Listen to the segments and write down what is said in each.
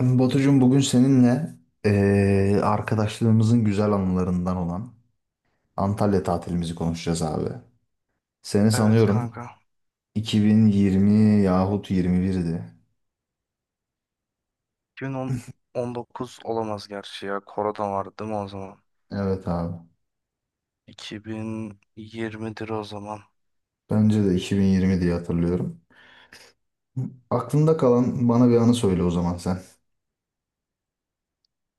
Batucuğum bugün seninle arkadaşlığımızın güzel anılarından olan Antalya tatilimizi konuşacağız abi. Seni Evet sanıyorum kanka. 2020 yahut 21'di. 2019 olamaz gerçi ya. Korona vardı değil mi o zaman? Evet abi. 2020'dir o zaman. Bence de 2020 diye hatırlıyorum. Aklında kalan bana bir anı söyle o zaman sen.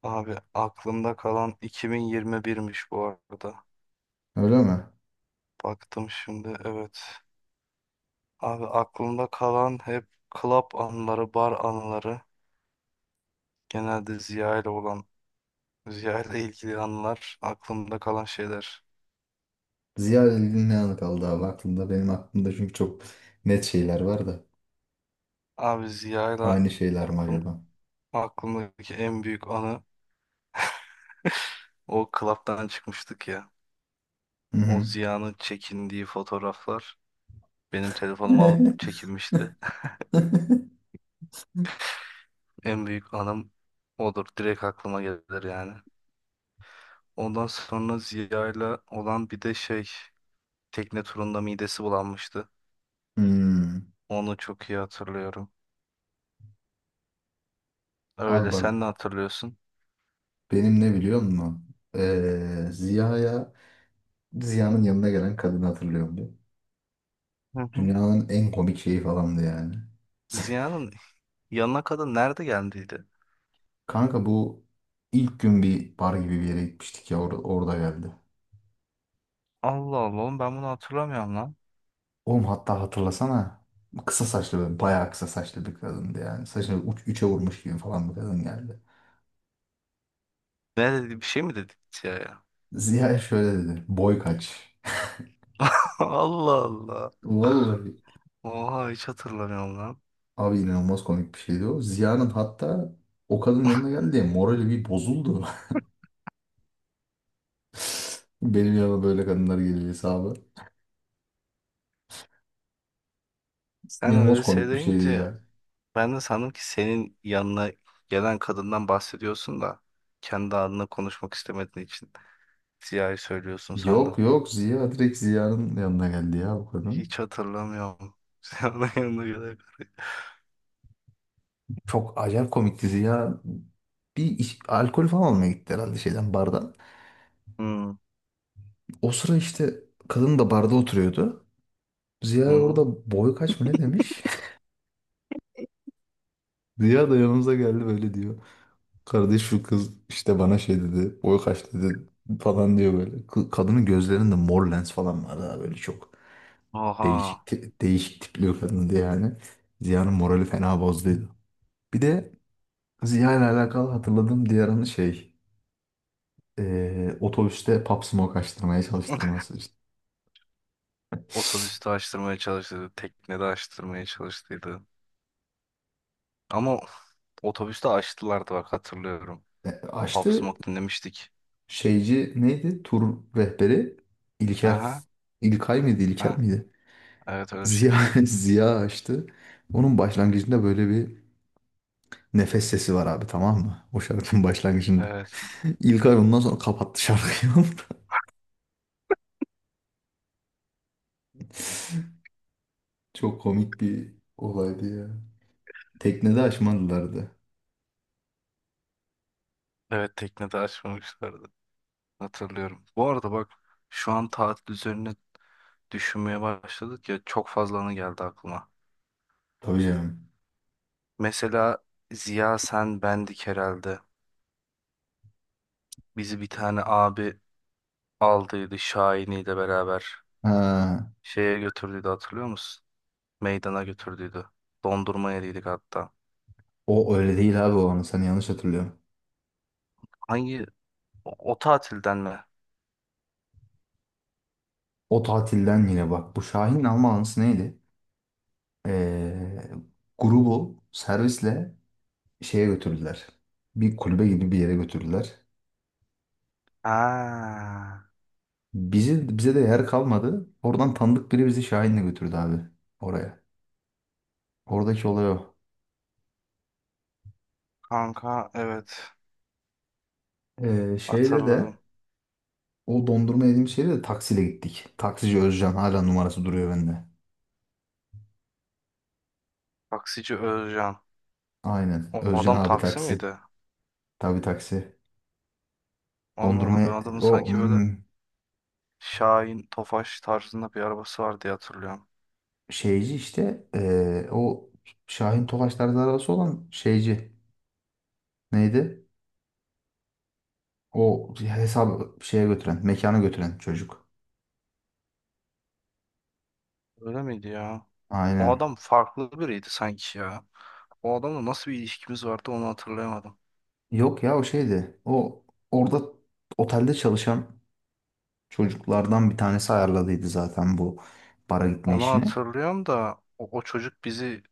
Abi aklımda kalan 2021'miş bu arada. Öyle mi? Baktım şimdi evet. Abi aklımda kalan hep club anıları, bar anıları. Genelde Ziya ile olan, Ziya ile ilgili anılar. Aklımda kalan şeyler. Ziyaretin ne anı kaldı abi aklında? Benim aklımda çünkü çok net şeyler var da. Abi Ziya ile Aynı şeyler mi aklım, acaba? aklımdaki en büyük anı o club'dan çıkmıştık ya. Hı O hı. Ziya'nın çekindiği fotoğraflar benim telefonumu alıp çekinmişti. En büyük anım odur. Direkt aklıma gelir yani. Ondan sonra Ziya'yla olan bir de şey tekne turunda midesi bulanmıştı. Hmm. Onu çok iyi hatırlıyorum. Abi Öyle bak sen ne hatırlıyorsun? benim ne biliyor musun? Ziya'ya, Ziya'nın yanına gelen kadını hatırlıyorum diyor. Hı hı. Dünyanın en komik şeyi falandı yani. Ziya'nın yanına kadın nerede geldiydi? Kanka bu ilk gün bir bar gibi bir yere gitmiştik ya orada geldi. Allah Allah oğlum ben bunu hatırlamıyorum lan. Oğlum hatta hatırlasana kısa saçlı böyle bayağı kısa saçlı bir kadındı yani. Saçını üçe vurmuş gibi falan bir kadın geldi. Ne dedi bir şey mi dedi Ziya'ya? Ziya şöyle dedi. Boy kaç? Allah Allah. Vallahi Oha hiç hatırlamıyorum lan. abi inanılmaz komik bir şeydi o. Ziya'nın hatta o kadının yanına geldi diye morali bir bozuldu. Benim yanıma böyle kadınlar geliyor hesabı. Sen İnanılmaz öyle komik bir şeydi söyleyince ya. ben de sandım ki senin yanına gelen kadından bahsediyorsun da kendi adına konuşmak istemediğin için Ziya'yı söylüyorsun Yok sandım. yok Ziya direkt Ziya'nın yanına geldi ya bu kadın. Hiç hatırlamıyorum. Ziya'nın yanına gelen. Çok acayip komikti Ziya. Bir alkol falan almaya gitti herhalde şeyden bardan. Hmm. O sıra işte kadın da barda oturuyordu. Ziya Hı. orada boy kaç mı ne demiş? Ziya da yanımıza geldi böyle diyor. Kardeş şu kız işte bana şey dedi. Boy kaç dedi falan diyor böyle. Kadının gözlerinde mor lens falan vardı ha böyle çok. Aha. Değişik tipli bir kadındı yani. Ziya'nın morali fena bozduydu. Bir de Ziya ile alakalı hatırladığım diğer anı şey. Otobüste Pop Smoke açtırmaya çalıştırması işte. Otobüste açtırmaya çalıştıydı. Teknede açtırmaya çalıştıydı. Ama otobüste açtılardı bak hatırlıyorum. E, Pop açtı Smoke dinlemiştik. şeyci neydi? Tur rehberi İlker. Aha. İlkay mıydı? İlker Ha. miydi? Evet öyle bir Ziya, şeydi. Ziya açtı. Onun başlangıcında böyle bir nefes sesi var abi tamam mı? O şarkının başlangıcında. Evet. İlkay ondan sonra kapattı şarkıyı. Çok komik bir olaydı ya. Teknede açmadılardı. Evet teknede açmamışlardı. Hatırlıyorum. Bu arada bak şu an tatil üzerine düşünmeye başladık ya çok fazla anı geldi aklıma. Tabii canım. Mesela Ziya sen bendik herhalde. Bizi bir tane abi aldıydı Şahini'yle beraber. Ha, Şeye götürdüydü hatırlıyor musun? Meydana götürdüydü. Dondurma yediydik hatta. o öyle değil abi o anı. Sen yanlış hatırlıyorsun. Hangi o tatilden mi? O tatilden yine bak. Bu Şahin'in alma anısı neydi? Ee, Grubu servisle şeye götürdüler. Bir kulübe gibi bir yere götürdüler. Ha, Bize de yer kalmadı. Oradan tanıdık biri bizi Şahin'le götürdü abi. Oraya. Oradaki olay o. kanka evet Şeyde de hatırladım. o dondurma yediğimiz şeyde de taksiyle gittik. Taksici Özcan hala numarası duruyor bende. Taksici Özcan. Aynen. O Özcan adam abi taksi taksi. miydi? Tabii taksi. Allah Allah Dondurma ben adamı o sanki böyle Şahin Tofaş tarzında bir arabası var diye hatırlıyorum. şeyci işte o Şahin Tofaş tarzı arabası olan şeyci. Neydi? O hesabı şeye götüren, mekana götüren çocuk. Öyle miydi ya? O Aynen. adam farklı biriydi sanki ya. O adamla nasıl bir ilişkimiz vardı onu hatırlayamadım. Yok ya o şeydi. O orada otelde çalışan çocuklardan bir tanesi ayarladıydı zaten bu bara gitme Onu işini. hatırlıyorum da o çocuk bizi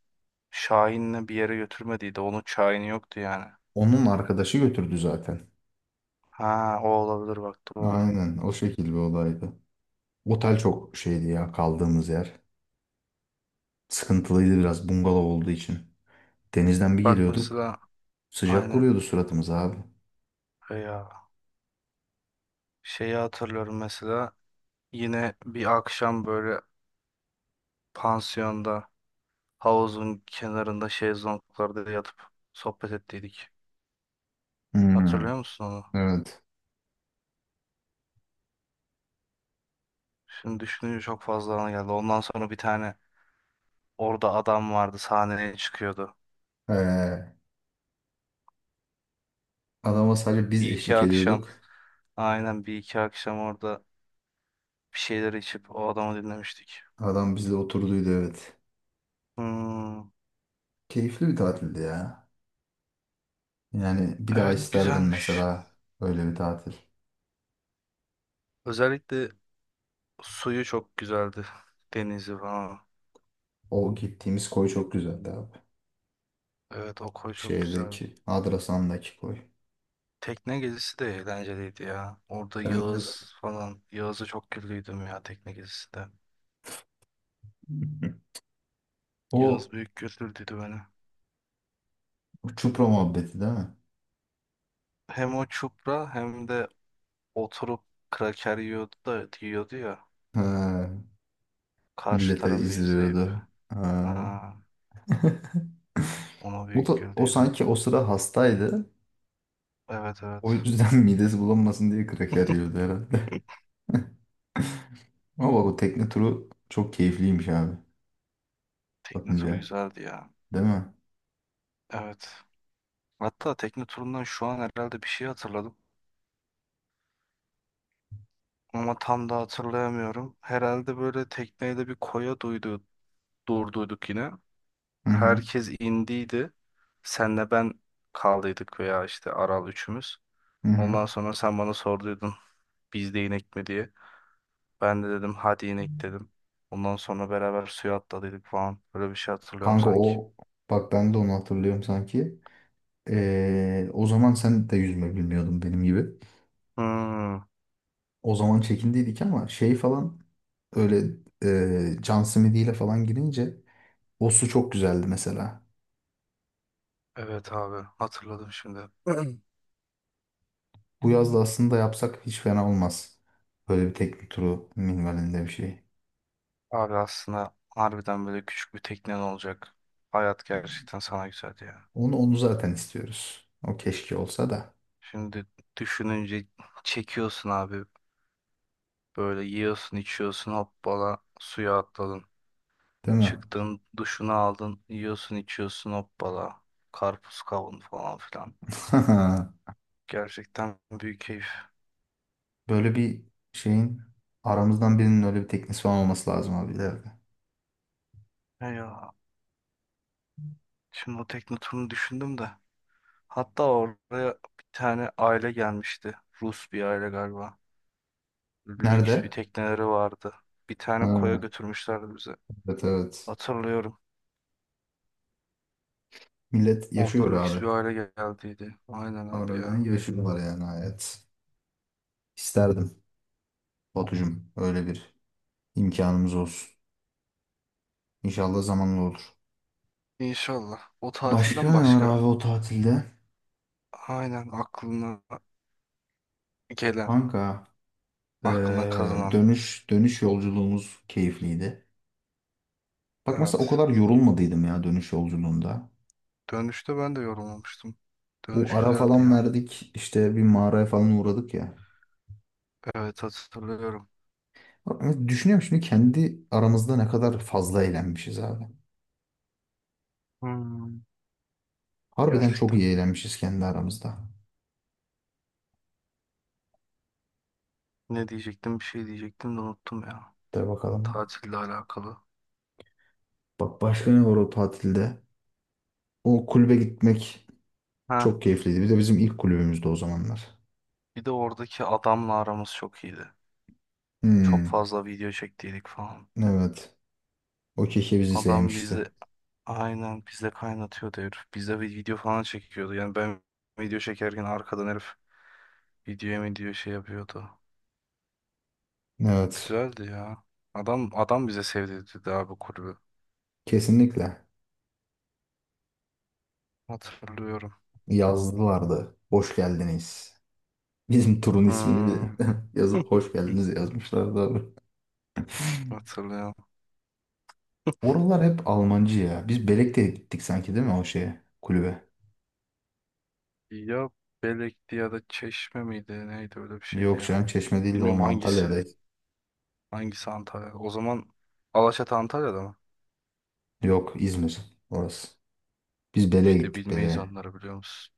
Şahin'le bir yere götürmediydi. Onun Şahin'i yoktu yani. Onun arkadaşı götürdü zaten. Ha o olabilir bak doğru. Aynen o şekil bir olaydı. Otel çok şeydi ya kaldığımız yer. Sıkıntılıydı biraz bungalov olduğu için. Denizden bir Bak geliyorduk. mesela Sıcak aynen. vuruyordu suratımıza abi. E ya şeyi hatırlıyorum mesela yine bir akşam böyle pansiyonda havuzun kenarında şezlonglarda yatıp sohbet ettiydik. Hmm, Hatırlıyor musun onu? evet. Şimdi düşününce çok fazla ana geldi. Ondan sonra bir tane orada adam vardı sahneye çıkıyordu. Ee, Adama sadece biz Bir iki eşlik akşam ediyorduk. aynen Bir iki akşam orada bir şeyler içip o adamı dinlemiştik. Adam bizle oturduydu evet. Hmm, Keyifli bir tatildi ya. Yani bir daha evet isterdim güzelmiş. mesela öyle bir tatil. Özellikle suyu çok güzeldi. Denizi falan. O gittiğimiz koy çok güzeldi abi. Evet o koy çok güzeldi. Şeydeki, Adrasan'daki koy. Tekne gezisi de eğlenceliydi ya. Orada Bence de. Yağız falan. Yağız'a çok güldüydüm ya tekne gezisi de. O Yağız büyük güldürdüydü beni. Çupra muhabbeti değil mi? Hem o çupra hem de oturup kraker yiyordu da yiyordu ya Ha, karşı millete tarafı izliyordu. izleyip. Ha. Aa, ona O da, büyük o güldüydüm. sanki o sıra hastaydı. Evet O evet. yüzden midesi bulanmasın diye kraker yiyordu herhalde. Ama bak o tekne turu çok keyifliymiş abi. Tekne turu Bakınca. güzeldi ya. Değil mi? Evet. Hatta tekne turundan şu an herhalde bir şey hatırladım. Ama tam da hatırlayamıyorum. Herhalde böyle tekneyle bir durduyduk yine. Hı hı. Herkes indiydi. Senle ben kaldıydık veya işte Aral üçümüz. Hı hı. Ondan sonra sen bana sorduydun biz de inek mi diye. Ben de dedim hadi inek dedim. Ondan sonra beraber suya atladıydık falan. Böyle bir şey hatırlıyorum Kanka sanki. o bak ben de onu hatırlıyorum sanki. O zaman sen de yüzme bilmiyordun benim gibi. Hmm, O zaman çekindiydik ama şey falan öyle John Smith ile falan girince o su çok güzeldi mesela. evet abi hatırladım şimdi. Bu yaz da aslında yapsak hiç fena olmaz. Böyle bir tekne turu minvalinde bir şey. Abi aslında harbiden böyle küçük bir teknen olacak. Hayat gerçekten sana güzel ya. Onu zaten istiyoruz. O keşke olsa da, Şimdi düşününce çekiyorsun abi. Böyle yiyorsun içiyorsun hoppala suya atladın. değil mi? Çıktın duşunu aldın yiyorsun içiyorsun hoppala. Karpuz kavun falan filan. Gerçekten büyük keyif. Böyle bir şeyin aramızdan birinin öyle bir teknesi falan olması lazım abi ileride. Eyvah. Şimdi o Teknotur'u düşündüm de. Hatta oraya bir tane aile gelmişti. Rus bir aile galiba. Lüks bir Nerede? tekneleri vardı. Bir tane koya Ha, götürmüşlerdi bize. evet evet. Hatırlıyorum. Millet Orada yaşıyor lüks abi. bir aile geldiydi. Aynen abi Harbiden ya. yaşıyorlar yani hayat. İsterdim Batucuğum öyle bir imkanımız olsun. İnşallah zamanla olur. İnşallah. O Başka tatilden ne var başka abi o tatilde? aynen aklına gelen, Kanka aklına eee, kazanan. dönüş yolculuğumuz keyifliydi. Bak mesela o Evet. kadar yorulmadıydım ya dönüş yolculuğunda. Dönüşte ben de yorulmamıştım. Bu Dönüş ara güzeldi falan ya. verdik işte bir mağaraya falan uğradık ya. Evet hatırlıyorum. Ama düşünüyorum şimdi kendi aramızda ne kadar fazla eğlenmişiz abi. Hmm, Harbiden çok gerçekten. iyi eğlenmişiz kendi aramızda. Ne diyecektim? Bir şey diyecektim de unuttum ya. De bakalım. Tatille alakalı. Bak başka ne var o tatilde? O kulübe gitmek Ha, çok keyifliydi. Bir de bizim ilk kulübümüzdü o zamanlar. bir de oradaki adamla aramız çok iyiydi. Çok Hmm, fazla video çektiydik falan. evet. O kişi bizi Adam bizde sevmişti. aynen bizde kaynatıyordu herif. Bizde bir video falan çekiyordu. Yani ben video çekerken arkadan herif videoya mı diyor şey yapıyordu. Evet. Güzeldi ya. Adam bize sevdirdi abi kulübü. Kesinlikle. Hatırlıyorum. Yazdılardı. Hoş geldiniz. Bizim turun ismini Hmm, bir yazıp hoş geldiniz yazmışlardı abi. hatırlıyorum. Oralar hep Almancı ya. Biz Belek'te gittik sanki değil mi o şeye kulübe? Ya Belek'ti ya da Çeşme miydi? Neydi öyle bir şeydi Yok ya. canım Çeşme değil de Bilmiyorum oğlum hangisi. Antalya'dayız. Hangisi Antalya? O zaman Alaçatı Antalya'da mı? Yok İzmir orası. Biz Belek'e İşte gittik bilmeyiz Belek'e. onları biliyor musun?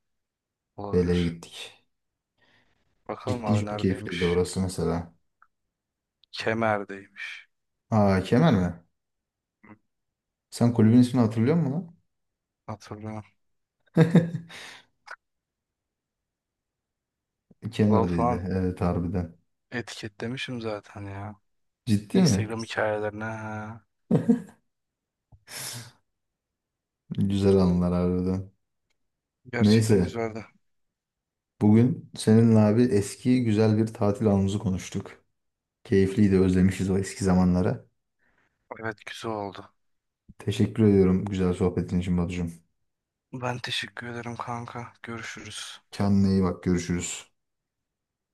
Belek'e Olabilir. gittik. Bakalım Ciddi abi çok keyifliydi neredeymiş? orası mesela. Kemer'deymiş. Aa Kemer mi? Sen kulübün ismini hatırlıyor musun lan? Hatırlıyorum. Lol Kemer'deydi. falan Evet harbiden. etiketlemişim zaten ya. Ciddi mi? Instagram hikayelerine. Ha. Güzel anılar harbiden. Gerçekten Neyse. güzeldi. Bugün seninle abi eski güzel bir tatil anımızı konuştuk. Keyifliydi özlemişiz o eski zamanları. Evet güzel oldu. Teşekkür ediyorum güzel sohbetin için Batucuğum. Ben teşekkür ederim kanka. Görüşürüz. Kendine iyi bak görüşürüz.